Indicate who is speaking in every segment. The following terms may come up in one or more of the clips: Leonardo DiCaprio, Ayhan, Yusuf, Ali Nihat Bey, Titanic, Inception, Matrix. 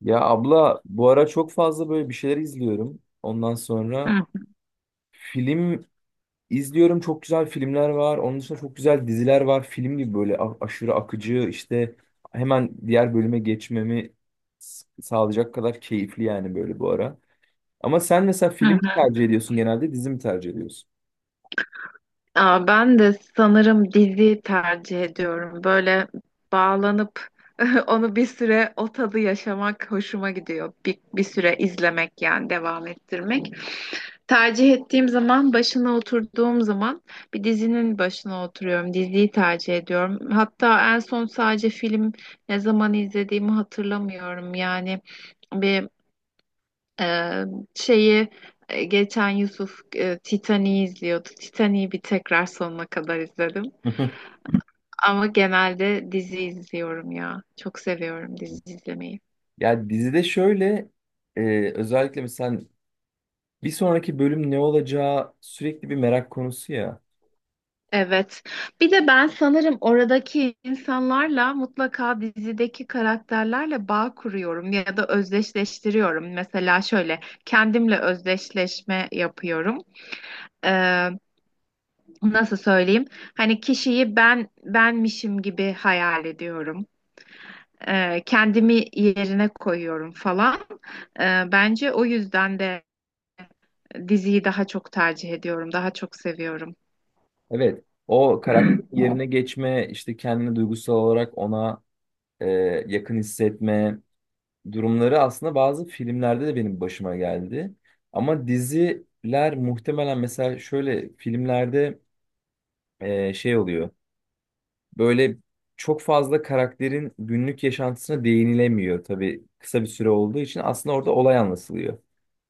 Speaker 1: Ya abla bu ara çok fazla böyle bir şeyler izliyorum. Ondan sonra
Speaker 2: Hı
Speaker 1: film izliyorum. Çok güzel filmler var. Onun dışında çok güzel diziler var. Film gibi böyle aşırı akıcı işte hemen diğer bölüme geçmemi sağlayacak kadar keyifli yani böyle bu ara. Ama sen mesela
Speaker 2: hı.
Speaker 1: film mi
Speaker 2: hı.
Speaker 1: tercih ediyorsun genelde dizi mi tercih ediyorsun?
Speaker 2: Ben de sanırım dizi tercih ediyorum. Böyle bağlanıp onu bir süre o tadı yaşamak hoşuma gidiyor. Bir süre izlemek yani devam ettirmek. Tercih ettiğim zaman başına oturduğum zaman bir dizinin başına oturuyorum. Diziyi tercih ediyorum. Hatta en son sadece film ne zaman izlediğimi hatırlamıyorum. Ee, şeyi Geçen Yusuf Titanic'i izliyordu. Titanic'i bir tekrar sonuna kadar izledim. Ama genelde dizi izliyorum ya. Çok seviyorum dizi izlemeyi.
Speaker 1: Ya dizide şöyle özellikle mesela bir sonraki bölüm ne olacağı sürekli bir merak konusu ya.
Speaker 2: Evet. Bir de ben sanırım oradaki insanlarla mutlaka dizideki karakterlerle bağ kuruyorum ya da özdeşleştiriyorum. Mesela şöyle kendimle özdeşleşme yapıyorum. Ee, Nasıl söyleyeyim? Hani kişiyi ben benmişim gibi hayal ediyorum. Kendimi yerine koyuyorum falan. Bence o yüzden de diziyi daha çok tercih ediyorum, daha çok seviyorum.
Speaker 1: Evet, o karakter yerine geçme, işte kendini duygusal olarak ona e, yakın hissetme durumları aslında bazı filmlerde de benim başıma geldi. Ama diziler muhtemelen mesela şöyle filmlerde şey oluyor. Böyle çok fazla karakterin günlük yaşantısına değinilemiyor tabii kısa bir süre olduğu için aslında orada olay anlatılıyor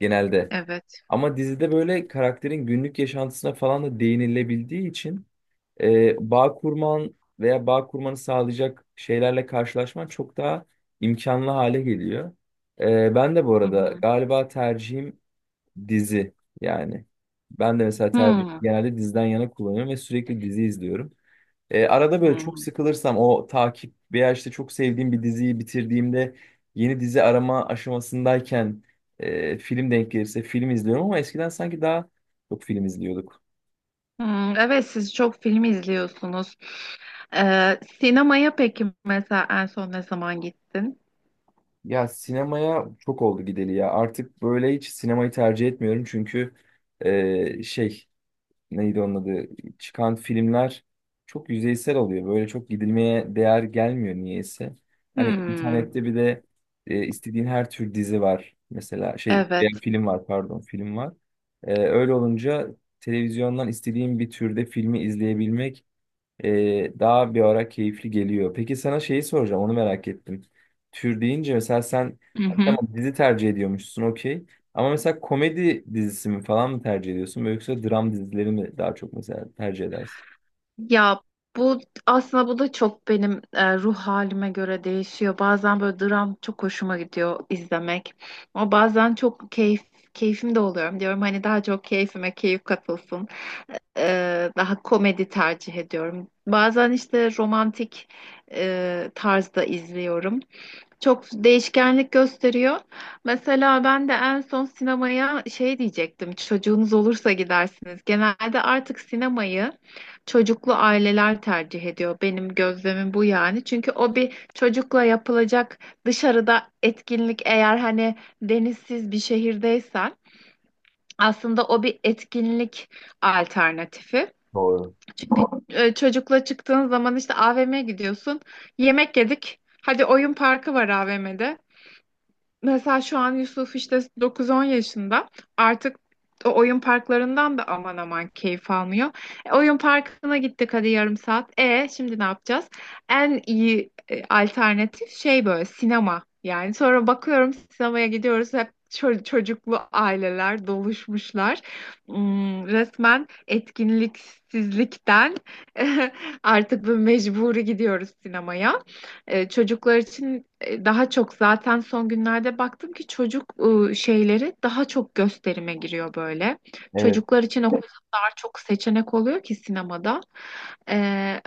Speaker 1: genelde.
Speaker 2: Evet.
Speaker 1: Ama dizide böyle karakterin günlük yaşantısına falan da değinilebildiği için bağ kurman veya bağ kurmanı sağlayacak şeylerle karşılaşman çok daha imkanlı hale geliyor. Ben de bu
Speaker 2: Hı
Speaker 1: arada
Speaker 2: hı.
Speaker 1: galiba tercihim dizi yani. Ben de mesela tercih
Speaker 2: Hmm,
Speaker 1: genelde diziden yana kullanıyorum ve sürekli dizi izliyorum. Arada böyle çok
Speaker 2: hmm,
Speaker 1: sıkılırsam o takip veya işte çok sevdiğim bir diziyi bitirdiğimde yeni dizi arama aşamasındayken film denk gelirse film izliyorum ama eskiden sanki daha çok film izliyorduk.
Speaker 2: hmm. Evet, siz çok film izliyorsunuz. Sinemaya peki mesela en son ne zaman gittin?
Speaker 1: Ya sinemaya çok oldu gideli ya. Artık böyle hiç sinemayı tercih etmiyorum çünkü şey neydi onun adı çıkan filmler çok yüzeysel oluyor. Böyle çok gidilmeye değer gelmiyor niyeyse. Hani
Speaker 2: Hmm,
Speaker 1: internette bir de istediğin her tür dizi var. Mesela şey veya
Speaker 2: evet.
Speaker 1: film var pardon film var. Öyle olunca televizyondan istediğin bir türde filmi izleyebilmek daha bir ara keyifli geliyor. Peki sana şeyi soracağım, onu merak ettim. Tür deyince mesela sen
Speaker 2: Hı
Speaker 1: hani
Speaker 2: hı.
Speaker 1: tamam dizi tercih ediyormuşsun okey. Ama mesela komedi dizisi mi falan mı tercih ediyorsun? Yoksa dram dizileri mi daha çok mesela tercih edersin?
Speaker 2: Ya bu aslında bu da çok benim ruh halime göre değişiyor. Bazen böyle dram çok hoşuma gidiyor izlemek. Ama bazen çok keyfim de oluyorum diyorum. Hani daha çok keyfime keyif katılsın. Daha komedi tercih ediyorum. Bazen işte romantik tarzda izliyorum. Çok değişkenlik gösteriyor. Mesela ben de en son sinemaya şey diyecektim. Çocuğunuz olursa gidersiniz. Genelde artık sinemayı çocuklu aileler tercih ediyor. Benim gözlemim bu yani. Çünkü o bir çocukla yapılacak dışarıda etkinlik eğer hani denizsiz bir şehirdeysen aslında o bir etkinlik alternatifi.
Speaker 1: Doğru.
Speaker 2: Çünkü çocukla çıktığın zaman işte AVM'ye gidiyorsun. Yemek yedik. Hadi oyun parkı var AVM'de. Mesela şu an Yusuf işte 9-10 yaşında. Artık o oyun parklarından da aman aman keyif almıyor. Oyun parkına gittik hadi yarım saat. E şimdi ne yapacağız? En iyi alternatif şey böyle sinema. Yani sonra bakıyorum sinemaya gidiyoruz hep çocuklu aileler doluşmuşlar. Hmm, resmen etkinliksizlikten artık bu mecburi gidiyoruz sinemaya. Çocuklar için daha çok zaten son günlerde baktım ki çocuk şeyleri daha çok gösterime giriyor böyle.
Speaker 1: Evet.
Speaker 2: Çocuklar için o kadar çok seçenek oluyor ki sinemada. E,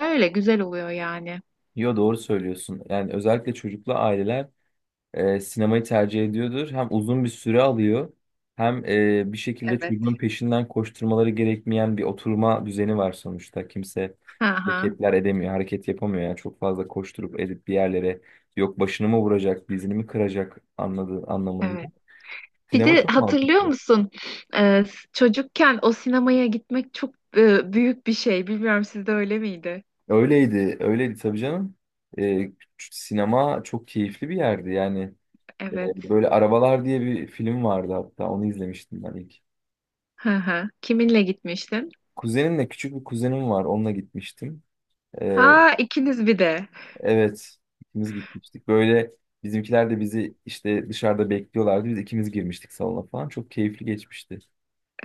Speaker 2: Öyle güzel oluyor yani.
Speaker 1: Yo doğru söylüyorsun. Yani özellikle çocuklu aileler sinemayı tercih ediyordur. Hem uzun bir süre alıyor hem bir şekilde
Speaker 2: Evet.
Speaker 1: çocuğun peşinden koşturmaları gerekmeyen bir oturma düzeni var sonuçta. Kimse
Speaker 2: Aha,
Speaker 1: hareketler edemiyor, hareket yapamıyor. Yani çok fazla koşturup edip bir yerlere yok başını mı vuracak, dizini mi kıracak anladığı anlamında.
Speaker 2: evet. Bir
Speaker 1: Sinema
Speaker 2: de
Speaker 1: çok
Speaker 2: hatırlıyor
Speaker 1: mantıklı.
Speaker 2: musun? E, Çocukken o sinemaya gitmek çok büyük bir şey. Bilmiyorum sizde öyle miydi?
Speaker 1: Öyleydi, öyleydi tabii canım. E, Sinema çok keyifli bir yerdi yani. E,
Speaker 2: Evet.
Speaker 1: Böyle Arabalar diye bir film vardı hatta onu izlemiştim ben ilk.
Speaker 2: Hı hı. Kiminle gitmiştin?
Speaker 1: Kuzenimle küçük bir kuzenim var. Onunla gitmiştim. Ee,
Speaker 2: Ha, ikiniz bir de.
Speaker 1: evet, ikimiz gitmiştik. Böyle bizimkiler de bizi işte dışarıda bekliyorlardı. Biz ikimiz girmiştik salona falan. Çok keyifli geçmişti.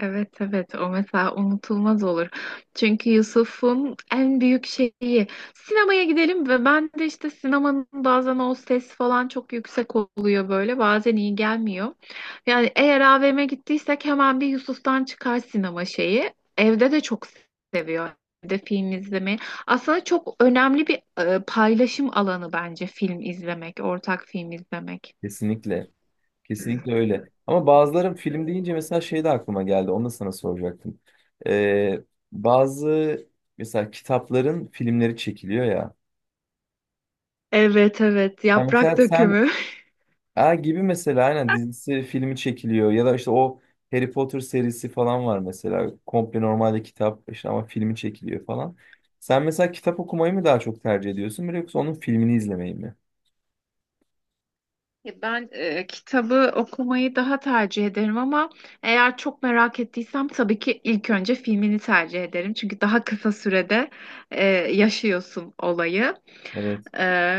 Speaker 2: Evet, evet, o mesela unutulmaz olur. Çünkü Yusuf'un en büyük şeyi sinemaya gidelim ve ben de işte sinemanın bazen o ses falan çok yüksek oluyor böyle bazen iyi gelmiyor. Yani eğer AVM'e gittiysek hemen bir Yusuf'tan çıkar sinema şeyi. Evde de çok seviyor evde film izlemeyi. Aslında çok önemli bir paylaşım alanı bence film izlemek, ortak film izlemek.
Speaker 1: Kesinlikle. Kesinlikle öyle. Ama bazıları film deyince mesela şey de aklıma geldi. Onu da sana soracaktım. Ee, bazı mesela kitapların filmleri çekiliyor ya.
Speaker 2: Evet, evet,
Speaker 1: Ha,
Speaker 2: yaprak
Speaker 1: mesela sen
Speaker 2: dökümü.
Speaker 1: Ha gibi mesela aynen dizisi filmi çekiliyor ya da işte o Harry Potter serisi falan var mesela komple normalde kitap işte ama filmi çekiliyor falan. Sen mesela kitap okumayı mı daha çok tercih ediyorsun böyle yoksa onun filmini izlemeyi mi?
Speaker 2: Ya ben kitabı okumayı daha tercih ederim ama eğer çok merak ettiysem tabii ki ilk önce filmini tercih ederim. Çünkü daha kısa sürede yaşıyorsun olayı.
Speaker 1: Evet.
Speaker 2: E,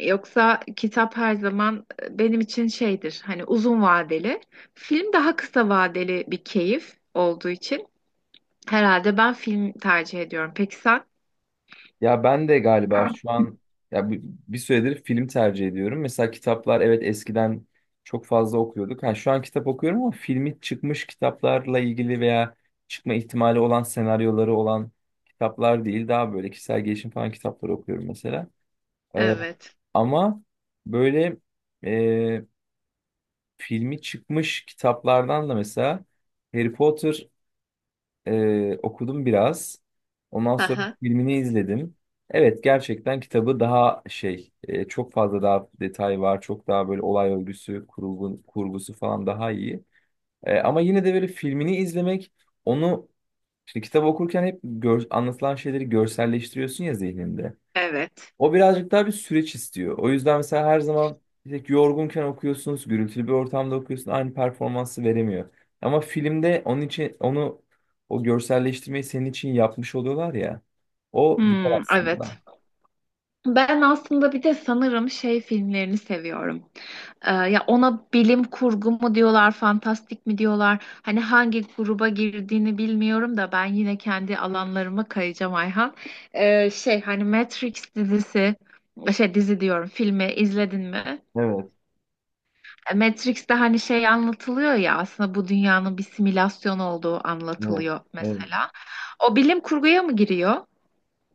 Speaker 2: Yoksa kitap her zaman benim için şeydir hani uzun vadeli. Film daha kısa vadeli bir keyif olduğu için herhalde ben film tercih ediyorum. Peki sen?
Speaker 1: Ya ben de galiba şu an ya bu- bir süredir film tercih ediyorum. Mesela kitaplar evet eskiden çok fazla okuyorduk. Ha, şu an kitap okuyorum ama filmi çıkmış kitaplarla ilgili veya çıkma ihtimali olan senaryoları olan kitaplar değil daha böyle kişisel gelişim falan kitapları okuyorum mesela. Ee,
Speaker 2: Evet.
Speaker 1: ama böyle e, filmi çıkmış kitaplardan da mesela Harry Potter okudum biraz. Ondan sonra
Speaker 2: Aha.
Speaker 1: filmini izledim. Evet gerçekten kitabı daha şey çok fazla daha detay var. Çok daha böyle olay örgüsü, kurgu, kurgusu falan daha iyi. Ama yine de böyle filmini izlemek onu şimdi kitap okurken hep anlatılan şeyleri görselleştiriyorsun ya zihninde.
Speaker 2: Evet.
Speaker 1: O birazcık daha bir süreç istiyor. O yüzden mesela her zaman tek yorgunken okuyorsunuz, gürültülü bir ortamda okuyorsun, aynı performansı veremiyor. Ama filmde onun için onu o görselleştirmeyi senin için yapmış oluyorlar ya. O güzel
Speaker 2: Hmm, evet.
Speaker 1: aslında.
Speaker 2: Ben aslında bir de sanırım şey filmlerini seviyorum. Ya ona bilim kurgu mu diyorlar, fantastik mi diyorlar? Hani hangi gruba girdiğini bilmiyorum da ben yine kendi alanlarıma kayacağım Ayhan. Şey hani Matrix dizisi, şey dizi diyorum, filmi izledin mi?
Speaker 1: Evet,
Speaker 2: Matrix'te hani şey anlatılıyor ya aslında bu dünyanın bir simülasyon olduğu
Speaker 1: evet,
Speaker 2: anlatılıyor
Speaker 1: evet.
Speaker 2: mesela. O bilim kurguya mı giriyor?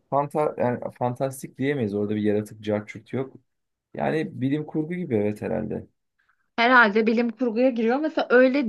Speaker 1: Fanta yani fantastik diyemeyiz. Orada bir yaratık cart yok. Yani bilim kurgu gibi evet herhalde.
Speaker 2: Herhalde bilim kurguya giriyor. Mesela öyle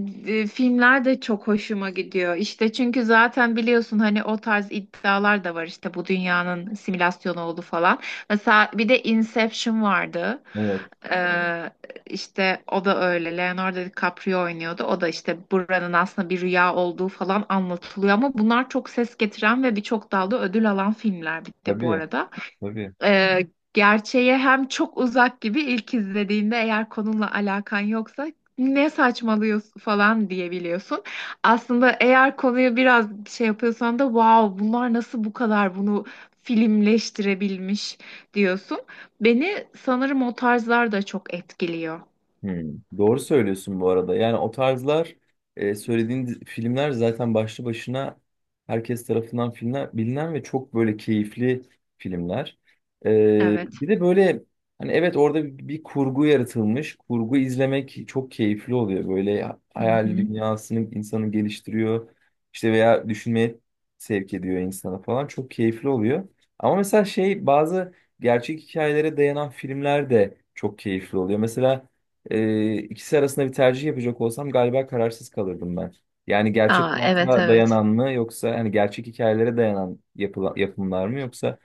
Speaker 2: filmler de çok hoşuma gidiyor. İşte çünkü zaten biliyorsun hani o tarz iddialar da var işte bu dünyanın simülasyonu oldu falan. Mesela bir de Inception vardı.
Speaker 1: Evet,
Speaker 2: Ee, işte o da öyle. Leonardo DiCaprio oynuyordu. O da işte buranın aslında bir rüya olduğu falan anlatılıyor. Ama bunlar çok ses getiren ve birçok dalda ödül alan filmler bir de bu
Speaker 1: tabii,
Speaker 2: arada.
Speaker 1: tabii.
Speaker 2: Ee, Gerçeğe hem çok uzak gibi ilk izlediğinde eğer konunla alakan yoksa ne saçmalıyorsun falan diyebiliyorsun. Aslında eğer konuyu biraz şey yapıyorsan da wow bunlar nasıl bu kadar bunu filmleştirebilmiş diyorsun. Beni sanırım o tarzlar da çok etkiliyor.
Speaker 1: Hmm. Doğru söylüyorsun bu arada. Yani o tarzlar söylediğin filmler zaten başlı başına herkes tarafından filmler, bilinen ve çok böyle keyifli filmler. E,
Speaker 2: Evet.
Speaker 1: Bir de böyle hani evet orada bir kurgu yaratılmış. Kurgu izlemek çok keyifli oluyor. Böyle
Speaker 2: Hı
Speaker 1: hayal
Speaker 2: hı.
Speaker 1: dünyasını insanı geliştiriyor. İşte veya düşünmeye sevk ediyor insana falan. Çok keyifli oluyor. Ama mesela şey bazı gerçek hikayelere dayanan filmler de çok keyifli oluyor. Mesela ikisi arasında bir tercih yapacak olsam galiba kararsız kalırdım ben. Yani gerçek
Speaker 2: Aa, evet,
Speaker 1: hayata
Speaker 2: evet.
Speaker 1: dayanan mı yoksa hani gerçek hikayelere dayanan yapımlar mı yoksa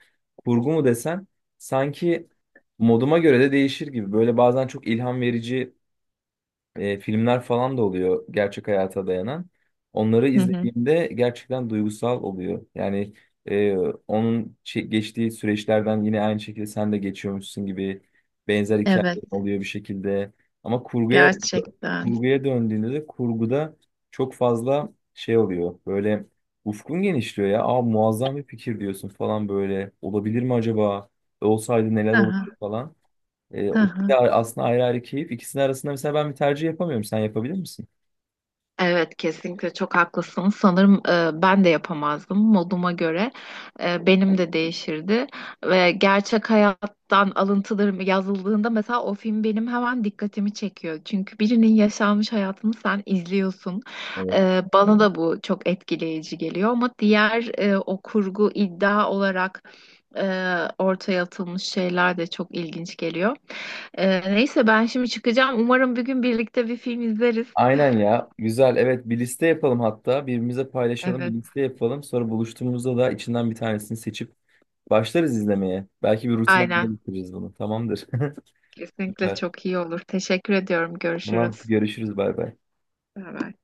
Speaker 1: kurgu mu desen sanki moduma göre de değişir gibi. Böyle bazen çok ilham verici filmler falan da oluyor gerçek hayata dayanan. Onları
Speaker 2: Hı hı.
Speaker 1: izlediğimde gerçekten duygusal oluyor. Yani e, onun geçtiği süreçlerden yine aynı şekilde sen de geçiyormuşsun gibi benzer
Speaker 2: Evet,
Speaker 1: hikayeler oluyor bir şekilde. Ama kurguya
Speaker 2: gerçekten.
Speaker 1: kurguya döndüğünde de kurguda çok fazla şey oluyor. Böyle ufkun genişliyor ya. Aa muazzam bir fikir diyorsun falan böyle. Olabilir mi acaba? Olsaydı neler olurdu
Speaker 2: Aha,
Speaker 1: falan. O ikisi de
Speaker 2: aha.
Speaker 1: aslında ayrı ayrı keyif. İkisinin arasında mesela ben bir tercih yapamıyorum. Sen yapabilir misin?
Speaker 2: Evet, kesinlikle çok haklısın. Sanırım ben de yapamazdım moduma göre. Benim de değişirdi ve gerçek hayattan alıntılarım yazıldığında mesela o film benim hemen dikkatimi çekiyor. Çünkü birinin yaşanmış hayatını sen izliyorsun.
Speaker 1: Evet.
Speaker 2: Bana da bu çok etkileyici geliyor ama diğer o kurgu iddia olarak e, ortaya atılmış şeyler de çok ilginç geliyor. Neyse ben şimdi çıkacağım. Umarım bir gün birlikte bir film izleriz.
Speaker 1: Aynen ya. Güzel. Evet bir liste yapalım hatta. Birbirimize paylaşalım. Bir
Speaker 2: Evet.
Speaker 1: liste yapalım. Sonra buluştuğumuzda da içinden bir tanesini seçip başlarız izlemeye. Belki bir rutin haline
Speaker 2: Aynen.
Speaker 1: getiririz bunu. Tamamdır.
Speaker 2: Kesinlikle
Speaker 1: Süper.
Speaker 2: çok iyi olur. Teşekkür ediyorum.
Speaker 1: Tamam.
Speaker 2: Görüşürüz.
Speaker 1: Görüşürüz. Bay bay.
Speaker 2: Beraber.